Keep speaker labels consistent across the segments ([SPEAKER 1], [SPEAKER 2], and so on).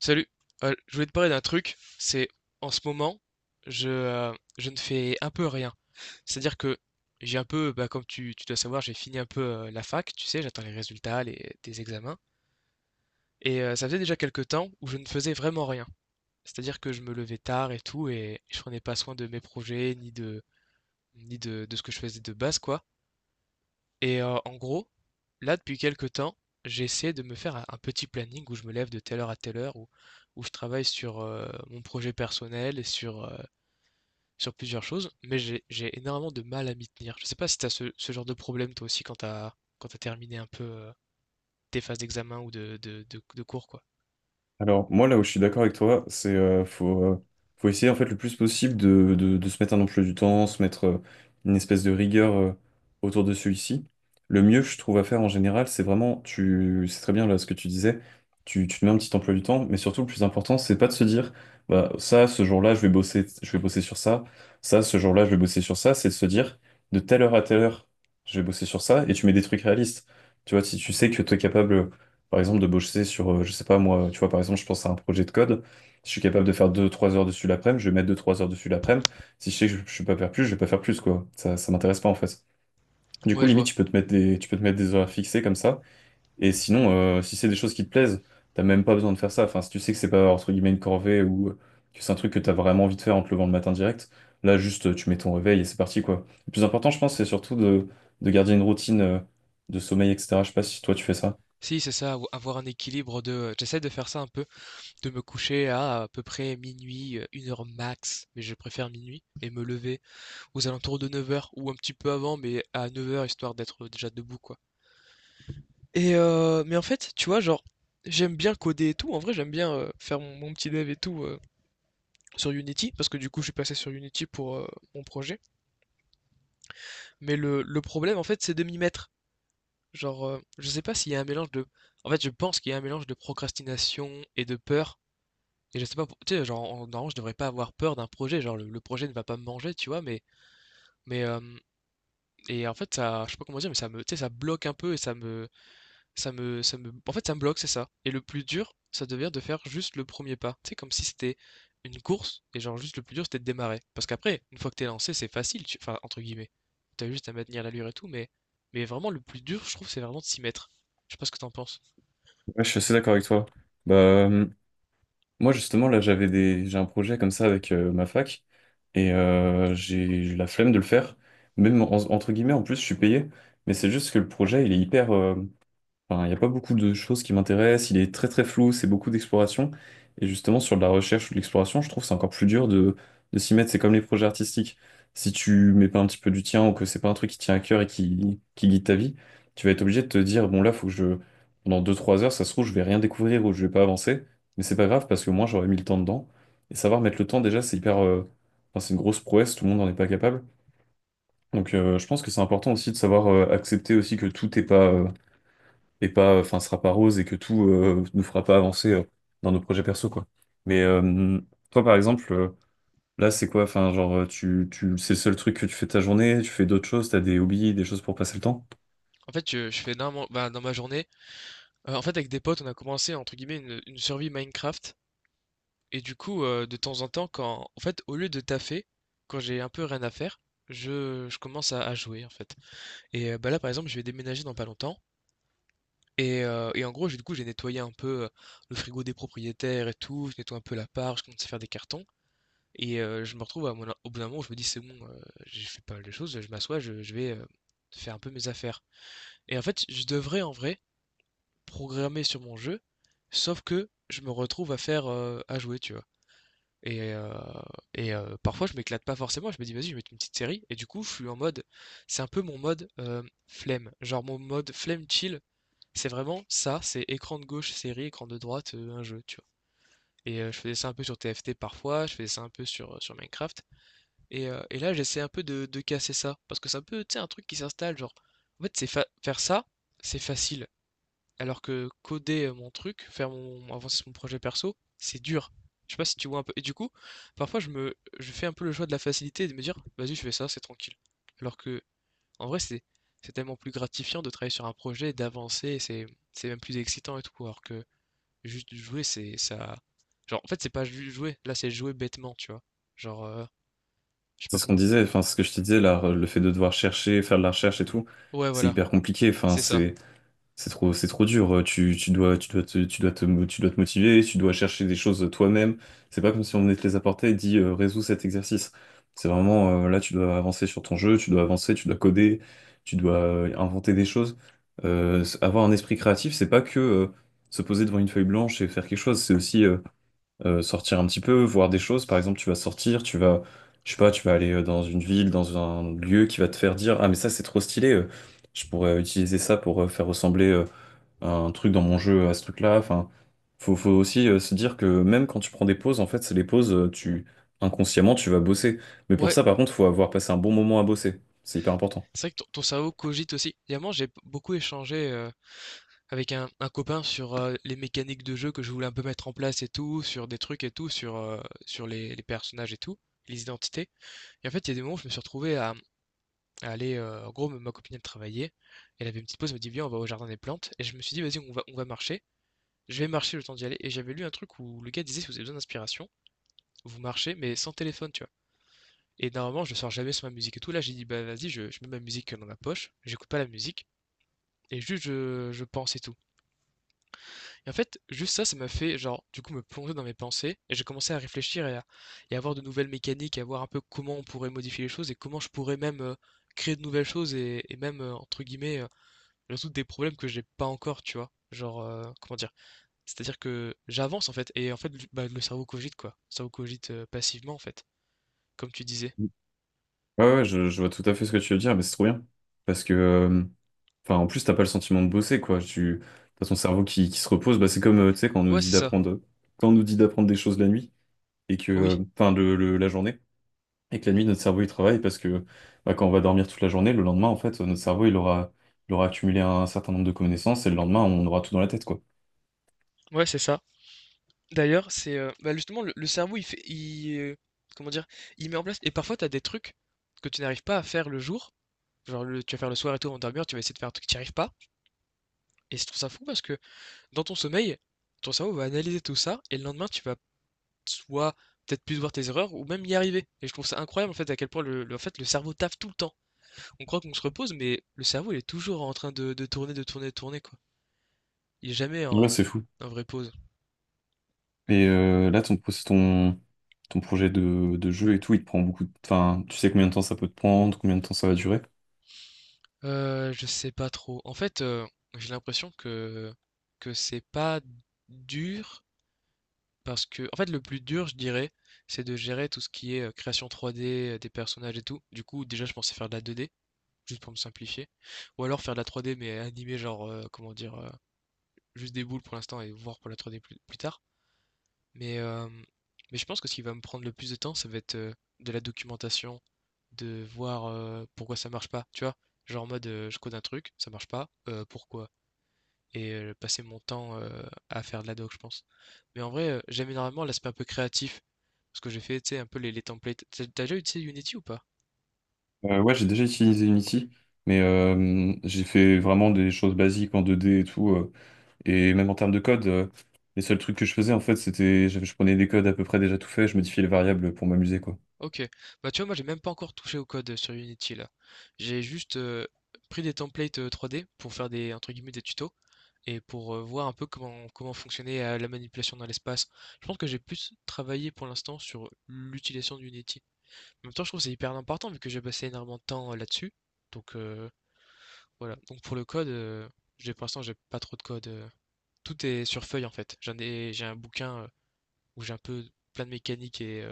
[SPEAKER 1] Salut. Je voulais te parler d'un truc. C'est, en ce moment, je, euh, je ne fais un peu rien. C'est-à-dire que j'ai un peu, bah, comme tu dois savoir, j'ai fini un peu la fac, tu sais, j'attends les résultats, des examens. Ça faisait déjà quelques temps où je ne faisais vraiment rien. C'est-à-dire que je me levais tard et tout, et je prenais pas soin de mes projets, ni de, de ce que je faisais de base, quoi. En gros, là, depuis quelque temps, j'ai essayé de me faire un petit planning où je me lève de telle heure à telle heure, où je travaille sur, mon projet personnel et sur plusieurs choses, mais j'ai énormément de mal à m'y tenir. Je sais pas si tu as ce genre de problème toi aussi quand tu terminé un peu, tes phases d'examen ou de cours, quoi?
[SPEAKER 2] Alors, moi, là où je suis d'accord avec toi, c'est faut, faut essayer en fait le plus possible de, de se mettre un emploi du temps, se mettre une espèce de rigueur autour de celui-ci. Le mieux, je trouve, à faire en général, c'est vraiment, tu, c'est très bien là ce que tu disais, tu te mets un petit emploi du temps, mais surtout, le plus important, c'est pas de se dire, bah, ça, ce jour-là, je vais bosser sur ça, ça, ce jour-là, je vais bosser sur ça, c'est de se dire, de telle heure à telle heure, je vais bosser sur ça, et tu mets des trucs réalistes. Tu vois, si tu sais que tu es capable. Par exemple, de bosser sur, je sais pas moi, tu vois, par exemple, je pense à un projet de code. Si je suis capable de faire 2 3 heures dessus l'après-midi, je vais mettre 2 3 heures dessus l'après-midi. Si je sais que je peux pas faire plus, je vais pas faire plus, quoi. Ça m'intéresse pas, en fait. Du coup,
[SPEAKER 1] Ouais, je
[SPEAKER 2] limite,
[SPEAKER 1] vois.
[SPEAKER 2] tu peux te mettre des horaires fixés comme ça. Et sinon, si c'est des choses qui te plaisent, t'as même pas besoin de faire ça. Enfin, si tu sais que c'est pas, entre guillemets, une corvée ou que c'est un truc que t'as vraiment envie de faire en te levant le matin direct, là, juste, tu mets ton réveil et c'est parti, quoi. Le plus important, je pense, c'est surtout de garder une routine, de sommeil, etc. Je sais pas si toi, tu fais ça.
[SPEAKER 1] Si, c'est ça, ou avoir un équilibre j'essaie de faire ça un peu. De me coucher à peu près minuit, 1 heure max, mais je préfère minuit et me lever aux alentours de 9 heures ou un petit peu avant, mais à 9 heures histoire d'être déjà debout, quoi. Et mais en fait, tu vois, genre, j'aime bien coder et tout. En vrai, j'aime bien, faire mon petit dev et tout, sur Unity parce que du coup, je suis passé sur Unity pour, mon projet, mais le problème, en fait, c'est de m'y mettre. Genre, je sais pas s'il y a un mélange de en fait, je pense qu'il y a un mélange de procrastination et de peur. Et je sais pas, tu sais, genre, normalement, je devrais pas avoir peur d'un projet, genre, le projet ne va pas me manger, tu vois, mais, mais, euh, et en fait, ça, je sais pas comment dire, mais ça me, tu sais, ça bloque un peu et ça me, en fait, ça me bloque, c'est ça. Et le plus dur, ça devient de faire juste le premier pas, tu sais, comme si c'était une course, et genre, juste le plus dur, c'était de démarrer. Parce qu'après, une fois que t'es lancé, c'est facile, enfin, entre guillemets, t'as juste à maintenir l'allure et tout, mais vraiment, le plus dur, je trouve, c'est vraiment de s'y mettre. Je sais pas ce que t'en penses.
[SPEAKER 2] Ouais, je suis assez d'accord avec toi. Bah, moi, justement, là, j'ai un projet comme ça avec ma fac et j'ai la flemme de le faire. Même entre guillemets, en plus, je suis payé, mais c'est juste que le projet, il est hyper. Enfin, il n'y a pas beaucoup de choses qui m'intéressent. Il est très très flou, c'est beaucoup d'exploration. Et justement, sur de la recherche ou de l'exploration, je trouve que c'est encore plus dur de s'y mettre. C'est comme les projets artistiques. Si tu mets pas un petit peu du tien ou que c'est pas un truc qui tient à cœur et qui guide ta vie, tu vas être obligé de te dire, bon là, faut que je, pendant 2 3 heures, ça se trouve, je vais rien découvrir ou je vais pas avancer. Mais c'est pas grave parce que moi, j'aurais mis le temps dedans. Et savoir mettre le temps, déjà, c'est hyper, enfin, c'est une grosse prouesse, tout le monde n'en est pas capable. Donc, je pense que c'est important aussi de savoir accepter aussi que tout n'est pas, enfin, sera pas rose et que tout nous fera pas avancer dans nos projets perso, quoi. Mais toi, par exemple, là, c'est quoi? Enfin, genre, tu, tu, c'est le seul truc que tu fais de ta journée, tu fais d'autres choses, t'as des hobbies, des choses pour passer le temps.
[SPEAKER 1] En fait, je fais bah, dans ma journée, en fait, avec des potes, on a commencé, entre guillemets, une survie Minecraft. Et du coup, de temps en temps, quand en fait, au lieu de taffer, quand j'ai un peu rien à faire, je commence à jouer, en fait. Et bah, là, par exemple, je vais déménager dans pas longtemps et en gros, j'ai du coup, j'ai nettoyé un peu, le frigo des propriétaires et tout, je nettoie un peu l'appart, je commence à faire des cartons et je me retrouve à mon au bout d'un moment où je me dis: «C'est bon, j'ai fait pas mal de choses, je m'assois, je vais, faire un peu mes affaires» et en fait, je devrais, en vrai, programmer sur mon jeu, sauf que je me retrouve à faire, à jouer, tu vois? Et, euh, et, parfois, je m'éclate pas forcément. Je me dis, vas-y, je vais mettre une petite série. Et du coup, je suis en mode, c'est un peu mon mode flemme. Genre, mon mode flemme chill, c'est vraiment ça. C'est écran de gauche, série, écran de droite, un jeu, tu vois. Et je faisais ça un peu sur TFT parfois, je faisais ça un peu sur Minecraft. Et là, j'essaie un peu de casser ça. Parce que c'est un peu, tu sais, un truc qui s'installe. Genre, en fait, c'est faire ça, c'est facile. Alors que coder, mon truc, faire mon avancer mon projet perso, c'est dur. Je sais pas si tu vois un peu? Et du coup, parfois je fais un peu le choix de la facilité et de me dire: «Vas-y, je fais ça, c'est tranquille». Alors que, en vrai, c'est tellement plus gratifiant de travailler sur un projet, d'avancer et c'est même plus excitant et tout. Alors que juste jouer, c'est ça. Genre, en fait, c'est pas juste jouer, là, c'est jouer bêtement, tu vois? Genre, je sais
[SPEAKER 2] C'est
[SPEAKER 1] pas
[SPEAKER 2] ce qu'on
[SPEAKER 1] comment.
[SPEAKER 2] disait, enfin, ce que je te disais, là, le fait de devoir chercher, faire de la recherche et tout,
[SPEAKER 1] Ouais,
[SPEAKER 2] c'est
[SPEAKER 1] voilà,
[SPEAKER 2] hyper compliqué. Enfin,
[SPEAKER 1] c'est ça.
[SPEAKER 2] c'est c'est trop dur. Tu, tu dois te, mo- Tu dois te motiver, tu dois chercher des choses toi-même. C'est pas comme si on venait te les apporter et dit résous cet exercice. C'est vraiment là, tu dois avancer sur ton jeu, tu dois avancer, tu dois coder, tu dois inventer des choses. Avoir un esprit créatif, c'est pas que se poser devant une feuille blanche et faire quelque chose. C'est aussi sortir un petit peu, voir des choses. Par exemple, tu vas sortir, tu vas, je sais pas, tu vas aller dans une ville, dans un lieu qui va te faire dire, ah mais ça c'est trop stylé. Je pourrais utiliser ça pour faire ressembler. Un truc dans mon jeu à ce truc-là. Enfin, faut, faut aussi se dire que même quand tu prends des pauses, en fait, c'est les pauses, tu inconsciemment, tu vas bosser. Mais pour
[SPEAKER 1] Ouais,
[SPEAKER 2] ça, par contre, faut avoir passé un bon moment à bosser. C'est hyper important.
[SPEAKER 1] c'est vrai que ton cerveau cogite aussi. Évidemment, j'ai beaucoup échangé, avec un copain sur, les mécaniques de jeu que je voulais un peu mettre en place et tout, sur des trucs et tout, sur les personnages et tout, les identités. Et en fait, il y a des moments où je me suis retrouvé à aller, en gros, ma copine, elle travaillait, elle avait une petite pause, elle me dit: «Viens, on va au jardin des plantes» et je me suis dit: «Vas-y, on va marcher». Je vais marcher le temps d'y aller et j'avais lu un truc où le gars disait: «Si vous avez besoin d'inspiration, vous marchez mais sans téléphone», tu vois? Et normalement, je ne sors jamais sur ma musique et tout. Là, j'ai dit: «Bah, vas-y, je mets ma musique, dans ma poche, j'écoute pas la musique et juste je pense et tout». Et en fait, juste ça, ça m'a fait, genre, du coup, me plonger dans mes pensées et j'ai commencé à réfléchir et à voir de nouvelles mécaniques, à voir un peu comment on pourrait modifier les choses et comment je pourrais même créer de nouvelles choses et même, entre guillemets, résoudre des problèmes que j'ai pas encore, tu vois. Genre, comment dire? C'est-à-dire que j'avance en fait et en fait, bah, le cerveau cogite quoi. Le cerveau cogite passivement en fait, comme tu disais.
[SPEAKER 2] Ouais, ouais, je vois tout à fait ce que tu veux dire, mais c'est trop bien. Parce que, enfin, en plus, t'as pas le sentiment de bosser, quoi. Tu, t'as ton cerveau qui se repose. Bah, c'est comme, tu sais, quand on nous
[SPEAKER 1] Ouais,
[SPEAKER 2] dit
[SPEAKER 1] c'est ça.
[SPEAKER 2] d'apprendre, quand on nous dit d'apprendre des choses la nuit et que,
[SPEAKER 1] Oui.
[SPEAKER 2] enfin, la journée. Et que la nuit, notre cerveau, il travaille parce que bah, quand on va dormir toute la journée, le lendemain, en fait, notre cerveau, il aura accumulé un certain nombre de connaissances et le lendemain, on aura tout dans la tête, quoi.
[SPEAKER 1] Ouais, c'est ça. D'ailleurs, c'est bah, justement le cerveau, il, comment dire, il met en place. Et parfois, t'as des trucs que tu n'arrives pas à faire le jour. Genre le tu vas faire le soir et tout avant de dormir, tu vas essayer de faire un truc, que tu y arrives pas. Et je trouve ça fou parce que dans ton sommeil, ton cerveau va analyser tout ça et le lendemain, tu vas soit peut-être plus voir tes erreurs ou même y arriver. Et je trouve ça incroyable en fait à quel point en fait, le cerveau taffe tout le temps. On croit qu'on se repose, mais le cerveau il est toujours en train de tourner, de tourner, de tourner quoi. Il est jamais
[SPEAKER 2] Ouais, c'est fou.
[SPEAKER 1] en vraie pause.
[SPEAKER 2] Et là, ton projet de jeu et tout, il te prend beaucoup de... Enfin, tu sais combien de temps ça peut te prendre, combien de temps ça va durer?
[SPEAKER 1] Je sais pas trop. En fait, j'ai l'impression que c'est pas dur. Parce que, en fait, le plus dur, je dirais, c'est de gérer tout ce qui est création 3D, des personnages et tout. Du coup, déjà, je pensais faire de la 2D, juste pour me simplifier. Ou alors faire de la 3D, mais animer, genre, comment dire, juste des boules pour l'instant et voir pour la 3D plus tard. Mais, euh, mais je pense que ce qui va me prendre le plus de temps, ça va être de la documentation, de voir pourquoi ça marche pas, tu vois. Genre en mode, je code un truc, ça marche pas, pourquoi? Et passer mon temps à faire de la doc, je pense. Mais en vrai, j'aime énormément l'aspect un peu créatif. Parce que j'ai fait, tu sais, un peu les templates. T'as déjà utilisé Unity ou pas?
[SPEAKER 2] Ouais, j'ai déjà utilisé Unity, mais j'ai fait vraiment des choses basiques en 2D et tout. Et même en termes de code, les seuls trucs que je faisais, en fait, Je prenais des codes à peu près déjà tout faits, je modifiais les variables pour m'amuser, quoi.
[SPEAKER 1] Ok. Bah tu vois, moi j'ai même pas encore touché au code sur Unity là. J'ai juste pris des templates 3D pour faire des, entre guillemets, des tutos et pour voir un peu comment fonctionnait la manipulation dans l'espace. Je pense que j'ai plus travaillé pour l'instant sur l'utilisation d'Unity. En même temps, je trouve que c'est hyper important vu que j'ai passé énormément de temps là-dessus. Donc, voilà. Donc pour le code, j'ai pour l'instant j'ai pas trop de code. Tout est sur feuille en fait. J'ai un bouquin où j'ai un peu plein de mécaniques et, euh,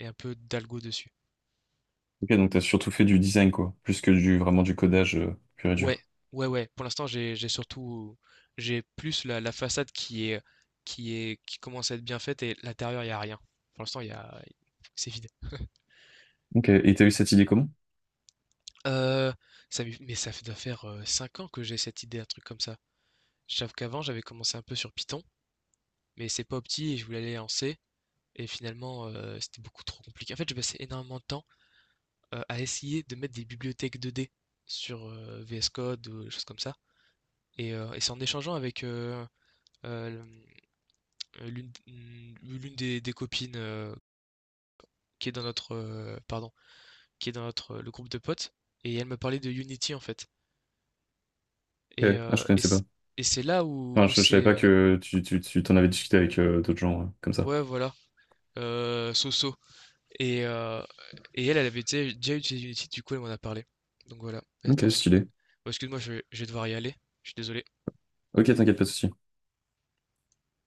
[SPEAKER 1] et un peu d'algo dessus.
[SPEAKER 2] Ok, donc t'as surtout fait du design, quoi, plus que du vraiment du codage pur et
[SPEAKER 1] Ouais,
[SPEAKER 2] dur.
[SPEAKER 1] ouais, ouais. Pour l'instant j'ai surtout, j'ai plus la façade qui commence à être bien faite et l'intérieur il y a rien. Pour l'instant il y a c'est vide.
[SPEAKER 2] Ok, et t'as eu cette idée comment?
[SPEAKER 1] Euh, mais ça doit faire 5 ans que j'ai cette idée, un truc comme ça. J'avoue qu'avant j'avais commencé un peu sur Python, mais c'est pas opti et je voulais aller en C. Et finalement, c'était beaucoup trop compliqué. En fait, j'ai passé énormément de temps à essayer de mettre des bibliothèques 2D sur VS Code ou des choses comme ça. Et c'est en échangeant avec euh, l'une des copines qui est dans notre pardon, qui est dans notre le groupe de potes. Et elle me parlait de Unity en fait. Et,
[SPEAKER 2] Ok, ah,
[SPEAKER 1] euh,
[SPEAKER 2] je
[SPEAKER 1] et
[SPEAKER 2] connaissais
[SPEAKER 1] c'est
[SPEAKER 2] pas.
[SPEAKER 1] et c'est là où,
[SPEAKER 2] Enfin,
[SPEAKER 1] où
[SPEAKER 2] je savais
[SPEAKER 1] c'est
[SPEAKER 2] pas que tu t'en avais discuté avec d'autres gens comme ça.
[SPEAKER 1] ouais, voilà, so-so. Et, euh, et elle, elle avait déjà déjà utilisé Unity, du coup, elle m'en a parlé. Donc voilà.
[SPEAKER 2] Ok,
[SPEAKER 1] Attends.
[SPEAKER 2] stylé.
[SPEAKER 1] Oh, excuse-moi, je vais devoir y aller. Je suis désolé.
[SPEAKER 2] Ok, t'inquiète, pas de souci.